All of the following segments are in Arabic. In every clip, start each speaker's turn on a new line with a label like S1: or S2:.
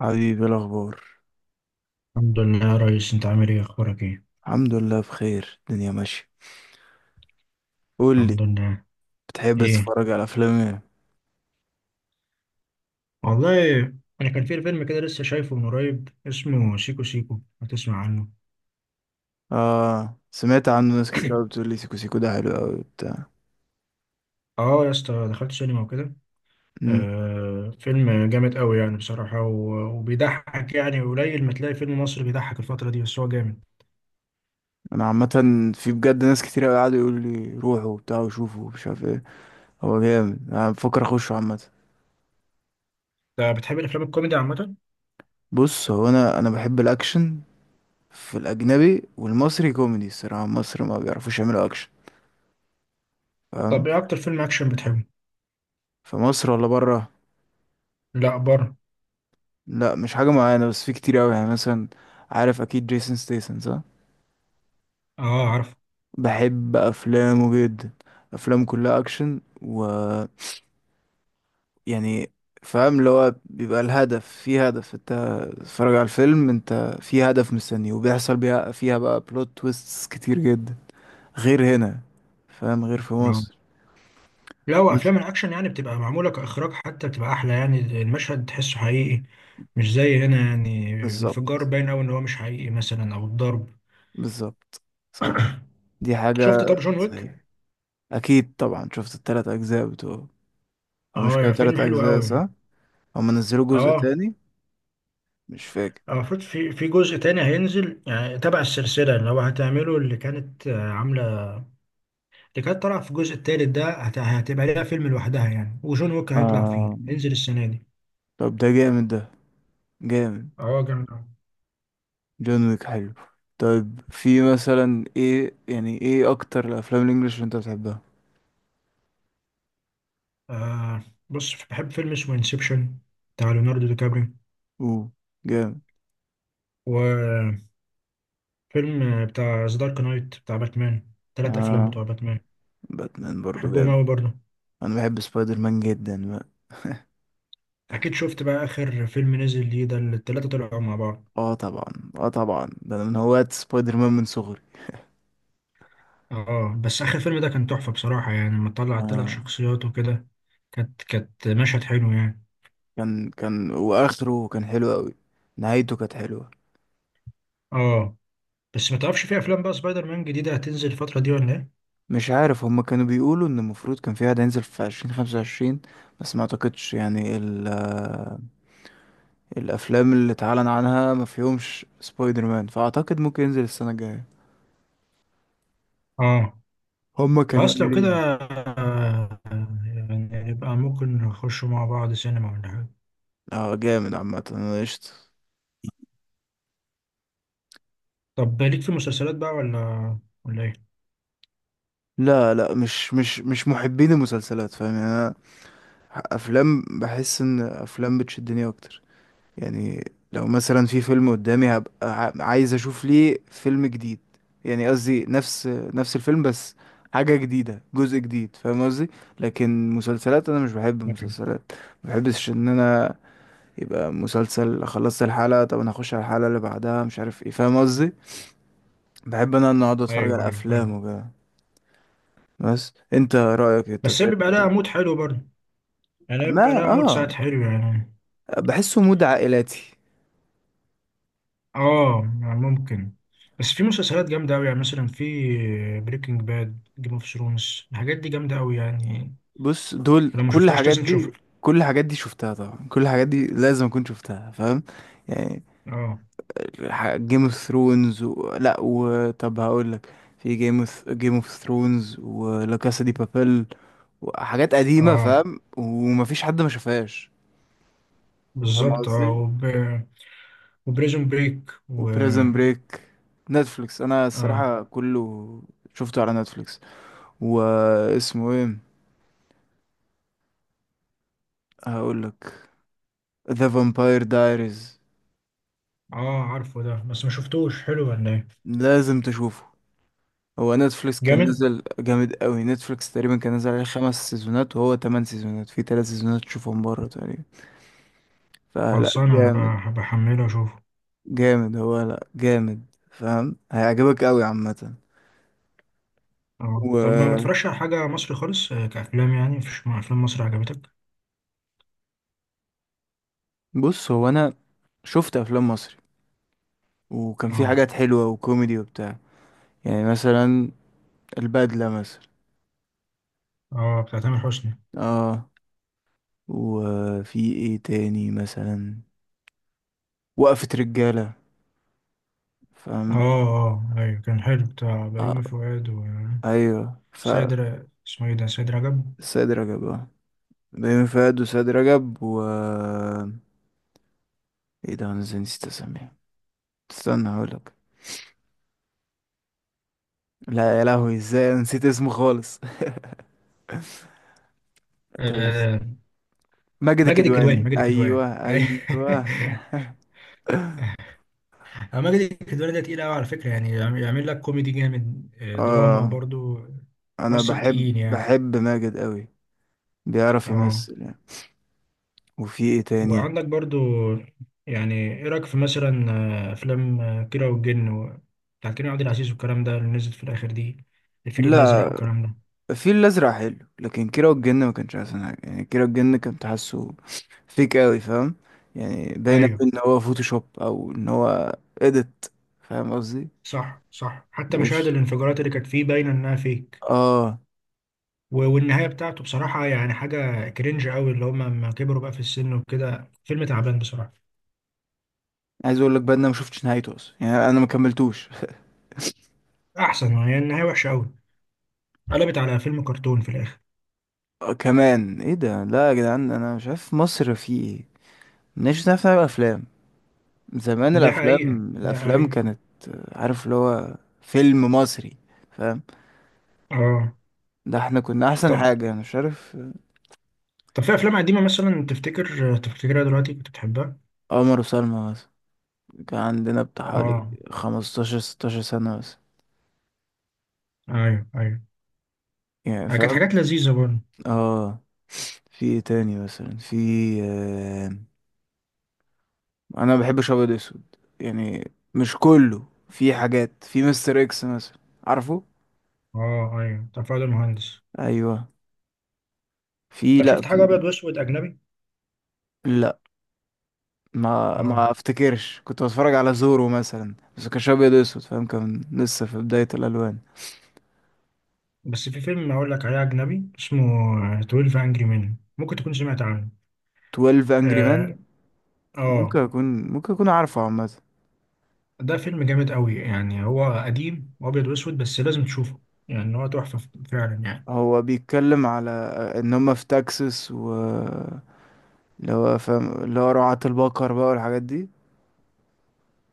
S1: حبيبي، إيه الاخبار؟
S2: الحمد لله يا ريس، انت عامل ايه؟ اخبارك ايه؟
S1: الحمد لله بخير. الدنيا ماشيه. قول لي،
S2: الحمد لله.
S1: بتحب
S2: ايه.
S1: تتفرج على افلام ايه؟
S2: والله، انا كان في فيلم كده لسه شايفه من قريب، اسمه سيكو سيكو، ما تسمع عنه؟
S1: اه، سمعت عنه ناس كتير قوي بتقول لي سيكو سيكو ده حلو قوي وبتاع.
S2: اه يا اسطى، دخلت سينما وكده.
S1: امم
S2: فيلم جامد قوي يعني بصراحة، و- وبيضحك، يعني قليل ما تلاقي فيلم مصري بيضحك الفترة دي، بس هو جامد.
S1: انا عامه، في بجد ناس كتير قوي قعدوا يقولوا لي روحوا وبتاع وشوفوا ومش عارف ايه. هو جامد، انا بفكر اخشه عامه.
S2: انت بتحب الافلام الكوميدي عامة؟
S1: بص، هو انا بحب الاكشن في الاجنبي والمصري كوميدي. الصراحه مصر ما بيعرفوش يعملوا اكشن،
S2: طب
S1: فاهم؟
S2: ايه اكتر فيلم اكشن بتحبه؟
S1: في مصر ولا بره؟
S2: لا، بره.
S1: لا مش حاجه معينه، بس في كتير قوي يعني. مثلا عارف اكيد جيسون ستيسن، صح؟
S2: اه، عارف.
S1: بحب افلامه جدا، افلام كلها اكشن و يعني. فاهم اللي هو بيبقى الهدف، في هدف انت تتفرج على الفيلم. انت في هدف مستنيه وبيحصل بيها فيها بقى بلوت تويستس كتير جدا، غير هنا. فاهم؟ غير في مصر.
S2: لا،
S1: بس
S2: وافلام الاكشن يعني بتبقى معموله كاخراج، حتى بتبقى احلى، يعني المشهد تحسه حقيقي. مش زي هنا، يعني
S1: بالظبط،
S2: انفجار باين قوي ان هو مش حقيقي مثلا، او الضرب.
S1: بالظبط، صح، دي حاجة
S2: شفت طب جون ويك؟
S1: صحيح. اكيد طبعا شفت التلات اجزاء بتوعه. هو مش
S2: اه،
S1: كده
S2: يا فيلم
S1: تلات
S2: حلو
S1: اجزاء،
S2: قوي.
S1: صح؟ هم نزلوا جزء
S2: اه.
S1: تاني، مش فاكر.
S2: المفروض في جزء تاني هينزل، يعني تبع السلسله اللي هو هتعمله اللي كانت عامله. اللي كانت طالعه في الجزء التالت ده هتبقى ليها فيلم لوحدها، يعني وجون ويك هيطلع فيه،
S1: آه،
S2: هينزل السنه دي.
S1: طب ده جامد ده، جامد.
S2: اه جامد أوي.
S1: جون ويك حلو. طيب، في مثلا ايه يعني، ايه اكتر الافلام الانجليش اللي انت بتحبها؟
S2: آه بص، بحب فيلم اسمه انسبشن. بتاع ليوناردو دي كابريو.
S1: اوه، جامد.
S2: و، فيلم بتاع ذا دارك نايت، بتاع باتمان، تلات افلام
S1: اه،
S2: بتوع باتمان.
S1: باتمان برضو
S2: بحبهم
S1: جامد.
S2: اوي برضه.
S1: انا بحب سبايدر مان جدا بقى.
S2: اكيد شفت بقى اخر فيلم نزل ليه ده، اللي التلاتة طلعوا مع بعض؟
S1: اه طبعا، اه طبعا، ده انا من هواة سبايدر مان من صغري.
S2: اه، بس اخر فيلم ده كان تحفة بصراحة، يعني لما طلع التلات
S1: اه،
S2: شخصيات وكده. كانت مشهد حلو يعني.
S1: كان واخره كان حلو قوي. نهايته كانت حلوة.
S2: اه، بس ما تعرفش في افلام بقى سبايدر مان جديدة هتنزل الفترة دي ولا ايه؟
S1: مش عارف، هما كانوا بيقولوا ان المفروض كان في واحد هينزل في عشرين خمسة وعشرين، بس ما اعتقدش يعني ال الافلام اللي اتعلن عنها ما فيهمش سبايدر مان، فاعتقد ممكن ينزل السنه الجايه.
S2: اه،
S1: هما كانوا
S2: خلاص لو كده.
S1: قايلين.
S2: آه، يعني يبقى ممكن نخشوا مع بعض سينما، ولا حاجة؟
S1: اه جامد، عامه انا قشطه.
S2: طب ليك في المسلسلات بقى ولا ايه؟
S1: لا لا، مش محبين المسلسلات، فاهم يعني. انا افلام بحس ان افلام بتشدني اكتر يعني. لو مثلا في فيلم قدامي هبقى عايز اشوف ليه فيلم جديد يعني. قصدي نفس الفيلم، بس حاجة جديدة، جزء جديد، فاهم قصدي. لكن مسلسلات انا مش بحب المسلسلات. ما بحبش ان انا يبقى مسلسل خلصت الحلقة، طب انا هخش على الحلقة اللي بعدها، مش عارف ايه. فاهم قصدي؟ بحب انا ان اقعد اتفرج
S2: ايوه،
S1: على
S2: ايوه،
S1: افلام
S2: فاهم.
S1: وكده. بس انت رأيك إيه؟ انت
S2: بس هي
S1: بتحب؟
S2: بيبقى لها مود حلو برضه. يعني هي
S1: ما
S2: بيبقى لها مود ساعات
S1: اه،
S2: حلو، يعني.
S1: بحسه مود عائلاتي.
S2: اه، يعني ممكن. بس في مسلسلات جامدة أوي، يعني مثلا في، بريكنج باد، جيم اوف ثرونز، الحاجات دي جامدة أوي يعني.
S1: بص دول
S2: لو ما
S1: كل
S2: شفتهاش
S1: الحاجات
S2: لازم تشوفها.
S1: دي، كل الحاجات دي شفتها طبعا، كل الحاجات دي لازم اكون شفتها، فاهم يعني.
S2: اه،
S1: جيم اوف ثرونز و... لا، وطب هقول لك، في جيم اوف ثرونز ولا كاسا دي بابيل وحاجات قديمة،
S2: اه،
S1: فاهم؟ ومفيش حد ما شافهاش. فاهم
S2: بالظبط، اه
S1: قصدي.
S2: وبريزون بريك و،
S1: وبريزن بريك. نتفليكس، انا
S2: اه،
S1: الصراحة كله شفته على نتفليكس. واسمه ايه؟ هقولك، ذا فامباير دايريز.
S2: اه، عارفه ده، بس ما شفتوش، حلو ولا ايه؟
S1: لازم تشوفه. هو نتفليكس كان
S2: جامد.
S1: نزل جامد قوي، نتفليكس تقريبا كان نزل عليه خمس سيزونات وهو تمن سيزونات، في ثلاث سيزونات تشوفهم بره تقريبا. فلا
S2: خلصانة،
S1: جامد،
S2: هبقى بحمله واشوفه.
S1: جامد، هو لا جامد، فاهم هيعجبك قوي عامة.
S2: اه،
S1: وبص،
S2: طب ما بتفرجش على حاجة مصري خالص، كأفلام؟ يعني مفيش أفلام مصري عجبتك؟
S1: هو انا شفت افلام مصري وكان في
S2: اه،
S1: حاجات حلوة وكوميدي وبتاع. يعني مثلا البدلة مثلا.
S2: اه، بتاع تامر حسني.
S1: اه. وفي ايه تاني مثلا؟ وقفة رجالة، فاهم.
S2: اه، اه، ايوه كان حلو بتاع بيومي
S1: آه.
S2: فؤاد و،
S1: ايوه، ف
S2: سيد اسمه ايه ده، سيد رجب.
S1: سيد رجب، اه. بين فؤاد وسيد رجب و ايه ده، انا ازاي نسيت اسميه؟ استنى هقولك. لا يا لهوي، ازاي أنا نسيت اسمه خالص. طب
S2: آه.
S1: ماجد
S2: ماجد الكدواني،
S1: الكدواني،
S2: ماجد الكدواني،
S1: ايوه
S2: أيوة.
S1: ايوه.
S2: ماجد الكدواني ده تقيل قوي على فكرة، يعني يعمل لك كوميدي جامد، دراما
S1: اه،
S2: برضو.
S1: انا
S2: ممثل
S1: بحب
S2: تقيل يعني.
S1: بحب ماجد قوي. بيعرف
S2: اه،
S1: يمثل يعني. وفي ايه تاني؟
S2: وعندك برضو، يعني ايه رأيك في مثلا، افلام كيرة والجن بتاع كريم عبد العزيز والكلام ده، اللي نزلت في الاخر دي. الفيل الازرق
S1: لا،
S2: والكلام ده؟
S1: الفيل الأزرق حلو، لكن كيرة والجن ما كانش أحسن حاجة يعني. كيرة والجن كنت حاسه فيك أوي، فاهم؟ يعني باين أوي
S2: ايوه.
S1: إن هو فوتوشوب أو إن هو إيديت، فاهم قصدي؟
S2: صح، صح، حتى مشاهد
S1: مش
S2: الانفجارات اللي كانت فيه باينه انها فيك.
S1: آه،
S2: و- والنهايه بتاعته بصراحه، يعني حاجه كرنج قوي اللي هم لما كبروا بقى في السن وكده، فيلم تعبان بصراحه.
S1: عايز أقول لك بقى إن أنا ما شفتش نهايته أصلا يعني، أنا ما كملتوش.
S2: احسن، يعني النهايه وحشه قوي. قلبت على فيلم كرتون في الاخر.
S1: آه، كمان إيه ده. لا يا جدعان، أنا مش عارف مصر في إيه. مش عارف نعمل أفلام. زمان
S2: دي حقيقه،
S1: الأفلام،
S2: دي
S1: الأفلام
S2: حقيقه.
S1: كانت آه، عارف اللي هو فيلم مصري، فاهم؟
S2: اه،
S1: ده احنا كنا أحسن
S2: طب،
S1: حاجة. أنا مش عارف آه،
S2: طب في افلام قديمه مثلا تفتكرها دلوقتي كنت بتحبها؟
S1: عمر وسلمى، كان عندنا بتاع حوالي
S2: اه،
S1: خمستاشر ستاشر سنة بس
S2: ايوه، ايوه.
S1: يعني،
S2: كانت
S1: فاهم؟
S2: حاجات لذيذه برضه.
S1: اه، في ايه تاني مثلا؟ في آه... انا ما بحبش ابيض اسود يعني، مش كله. في حاجات، في مستر اكس مثلا، عارفه؟
S2: اه، ايوه، بتاع فؤاد المهندس.
S1: ايوه، في
S2: طب
S1: لا
S2: شفت حاجه
S1: في
S2: ابيض واسود اجنبي؟
S1: لا ما
S2: اه،
S1: افتكرش. كنت بتفرج على زورو مثلا، بس كانش ابيض اسود، فاهم؟ كان لسه في بداية الالوان.
S2: بس في فيلم أقول لك عليه أجنبي اسمه 12 Angry Men. ممكن تكون سمعت عنه.
S1: 12 انجري مان،
S2: آه،
S1: ممكن
S2: آه.
S1: اكون ممكن اكون عارفه عامة.
S2: ده فيلم جامد قوي، يعني هو قديم وأبيض وأسود بس لازم تشوفه. يعني هو تحفة فعلا يعني.
S1: هو بيتكلم على ان هم في تكساس و اللي هو فاهم اللي هو رعاة البقر بقى والحاجات دي.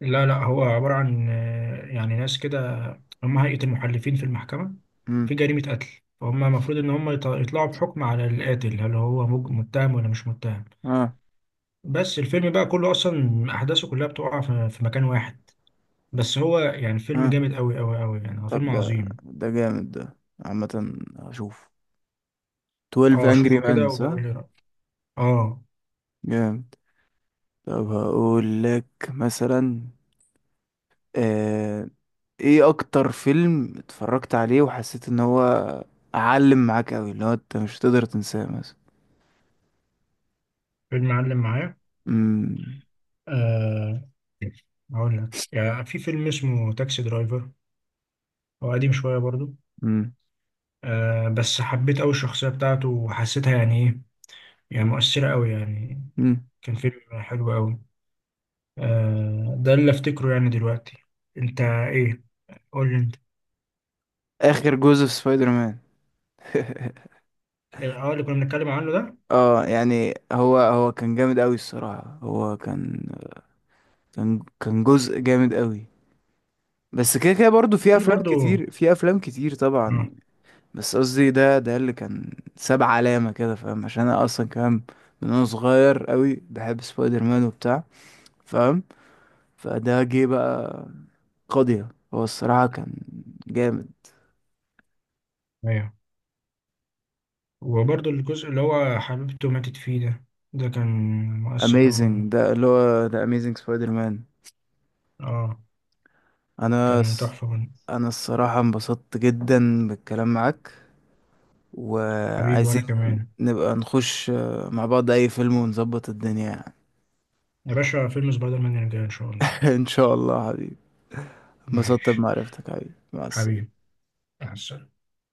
S2: لا، لا، هو عبارة عن يعني ناس كده. هم هيئة المحلفين في المحكمة. في
S1: امم،
S2: جريمة قتل. فهم المفروض إن هم يطلعوا بحكم على القاتل، هل هو متهم ولا مش متهم.
S1: اه،
S2: بس الفيلم بقى كله أصلا أحداثه كلها بتقع في مكان واحد. بس هو يعني فيلم
S1: اه.
S2: جامد قوي قوي قوي، يعني هو
S1: طب
S2: فيلم
S1: ده
S2: عظيم.
S1: ده جامد ده. عامة هشوف. 12
S2: اه،
S1: Angry
S2: اشوفه كده
S1: Men، صح؟
S2: وبقول لي رأيي. اه.
S1: جامد. طب هقول لك مثلا آه... ايه اكتر فيلم اتفرجت عليه وحسيت ان هو علم معاك قوي، اللي هو انت مش هتقدر تنساه مثلا؟
S2: فيلم معلم معايا؟
S1: امم،
S2: آه. هقول لك، يعني في فيلم اسمه تاكسي درايفر. هو قديم شوية برضو.
S1: امم.
S2: بس حبيت قوي الشخصية بتاعته، وحسيتها يعني ايه. يعني مؤثرة قوي يعني. كان فيلم حلو قوي. ده اللي افتكره يعني دلوقتي. انت ايه؟ قول لي انت.
S1: اخر جزء في سبايدر مان.
S2: اه، اللي كنا بنتكلم عنه ده.
S1: اه، يعني هو كان جامد قوي الصراحة. هو كان، كان جزء جامد قوي. بس كده كده برضه في
S2: في
S1: افلام
S2: برضو.
S1: كتير، في افلام كتير طبعا
S2: اه،
S1: يعني. بس قصدي ده اللي كان ساب علامة كده، فاهم؟ عشان انا اصلا كمان من وانا صغير قوي بحب سبايدر مان وبتاع، فاهم؟ فده جه بقى قضية. هو الصراحة كان جامد.
S2: ايوه. وبرضه الجزء اللي هو حبيبته ماتت فيه ده، ده كان مؤثر أوي برضه.
S1: اميزنج، ده اللي هو ده اميزنج سبايدر مان.
S2: اه،
S1: انا
S2: كان
S1: الص-
S2: تحفة برضه.
S1: انا الصراحة انبسطت جدا بالكلام معاك،
S2: حبيبي،
S1: وعايزين
S2: وأنا كمان.
S1: نبقى نخش آه، مع بعض أي فيلم ونظبط الدنيا يعني.
S2: يا باشا، فيلم سبايدر مان يرجع إن شاء الله.
S1: إن شاء الله حبيبي. انبسطت
S2: ماشي.
S1: بمعرفتك حبيبي، مع السلامة.
S2: حبيبي. مع السلامة.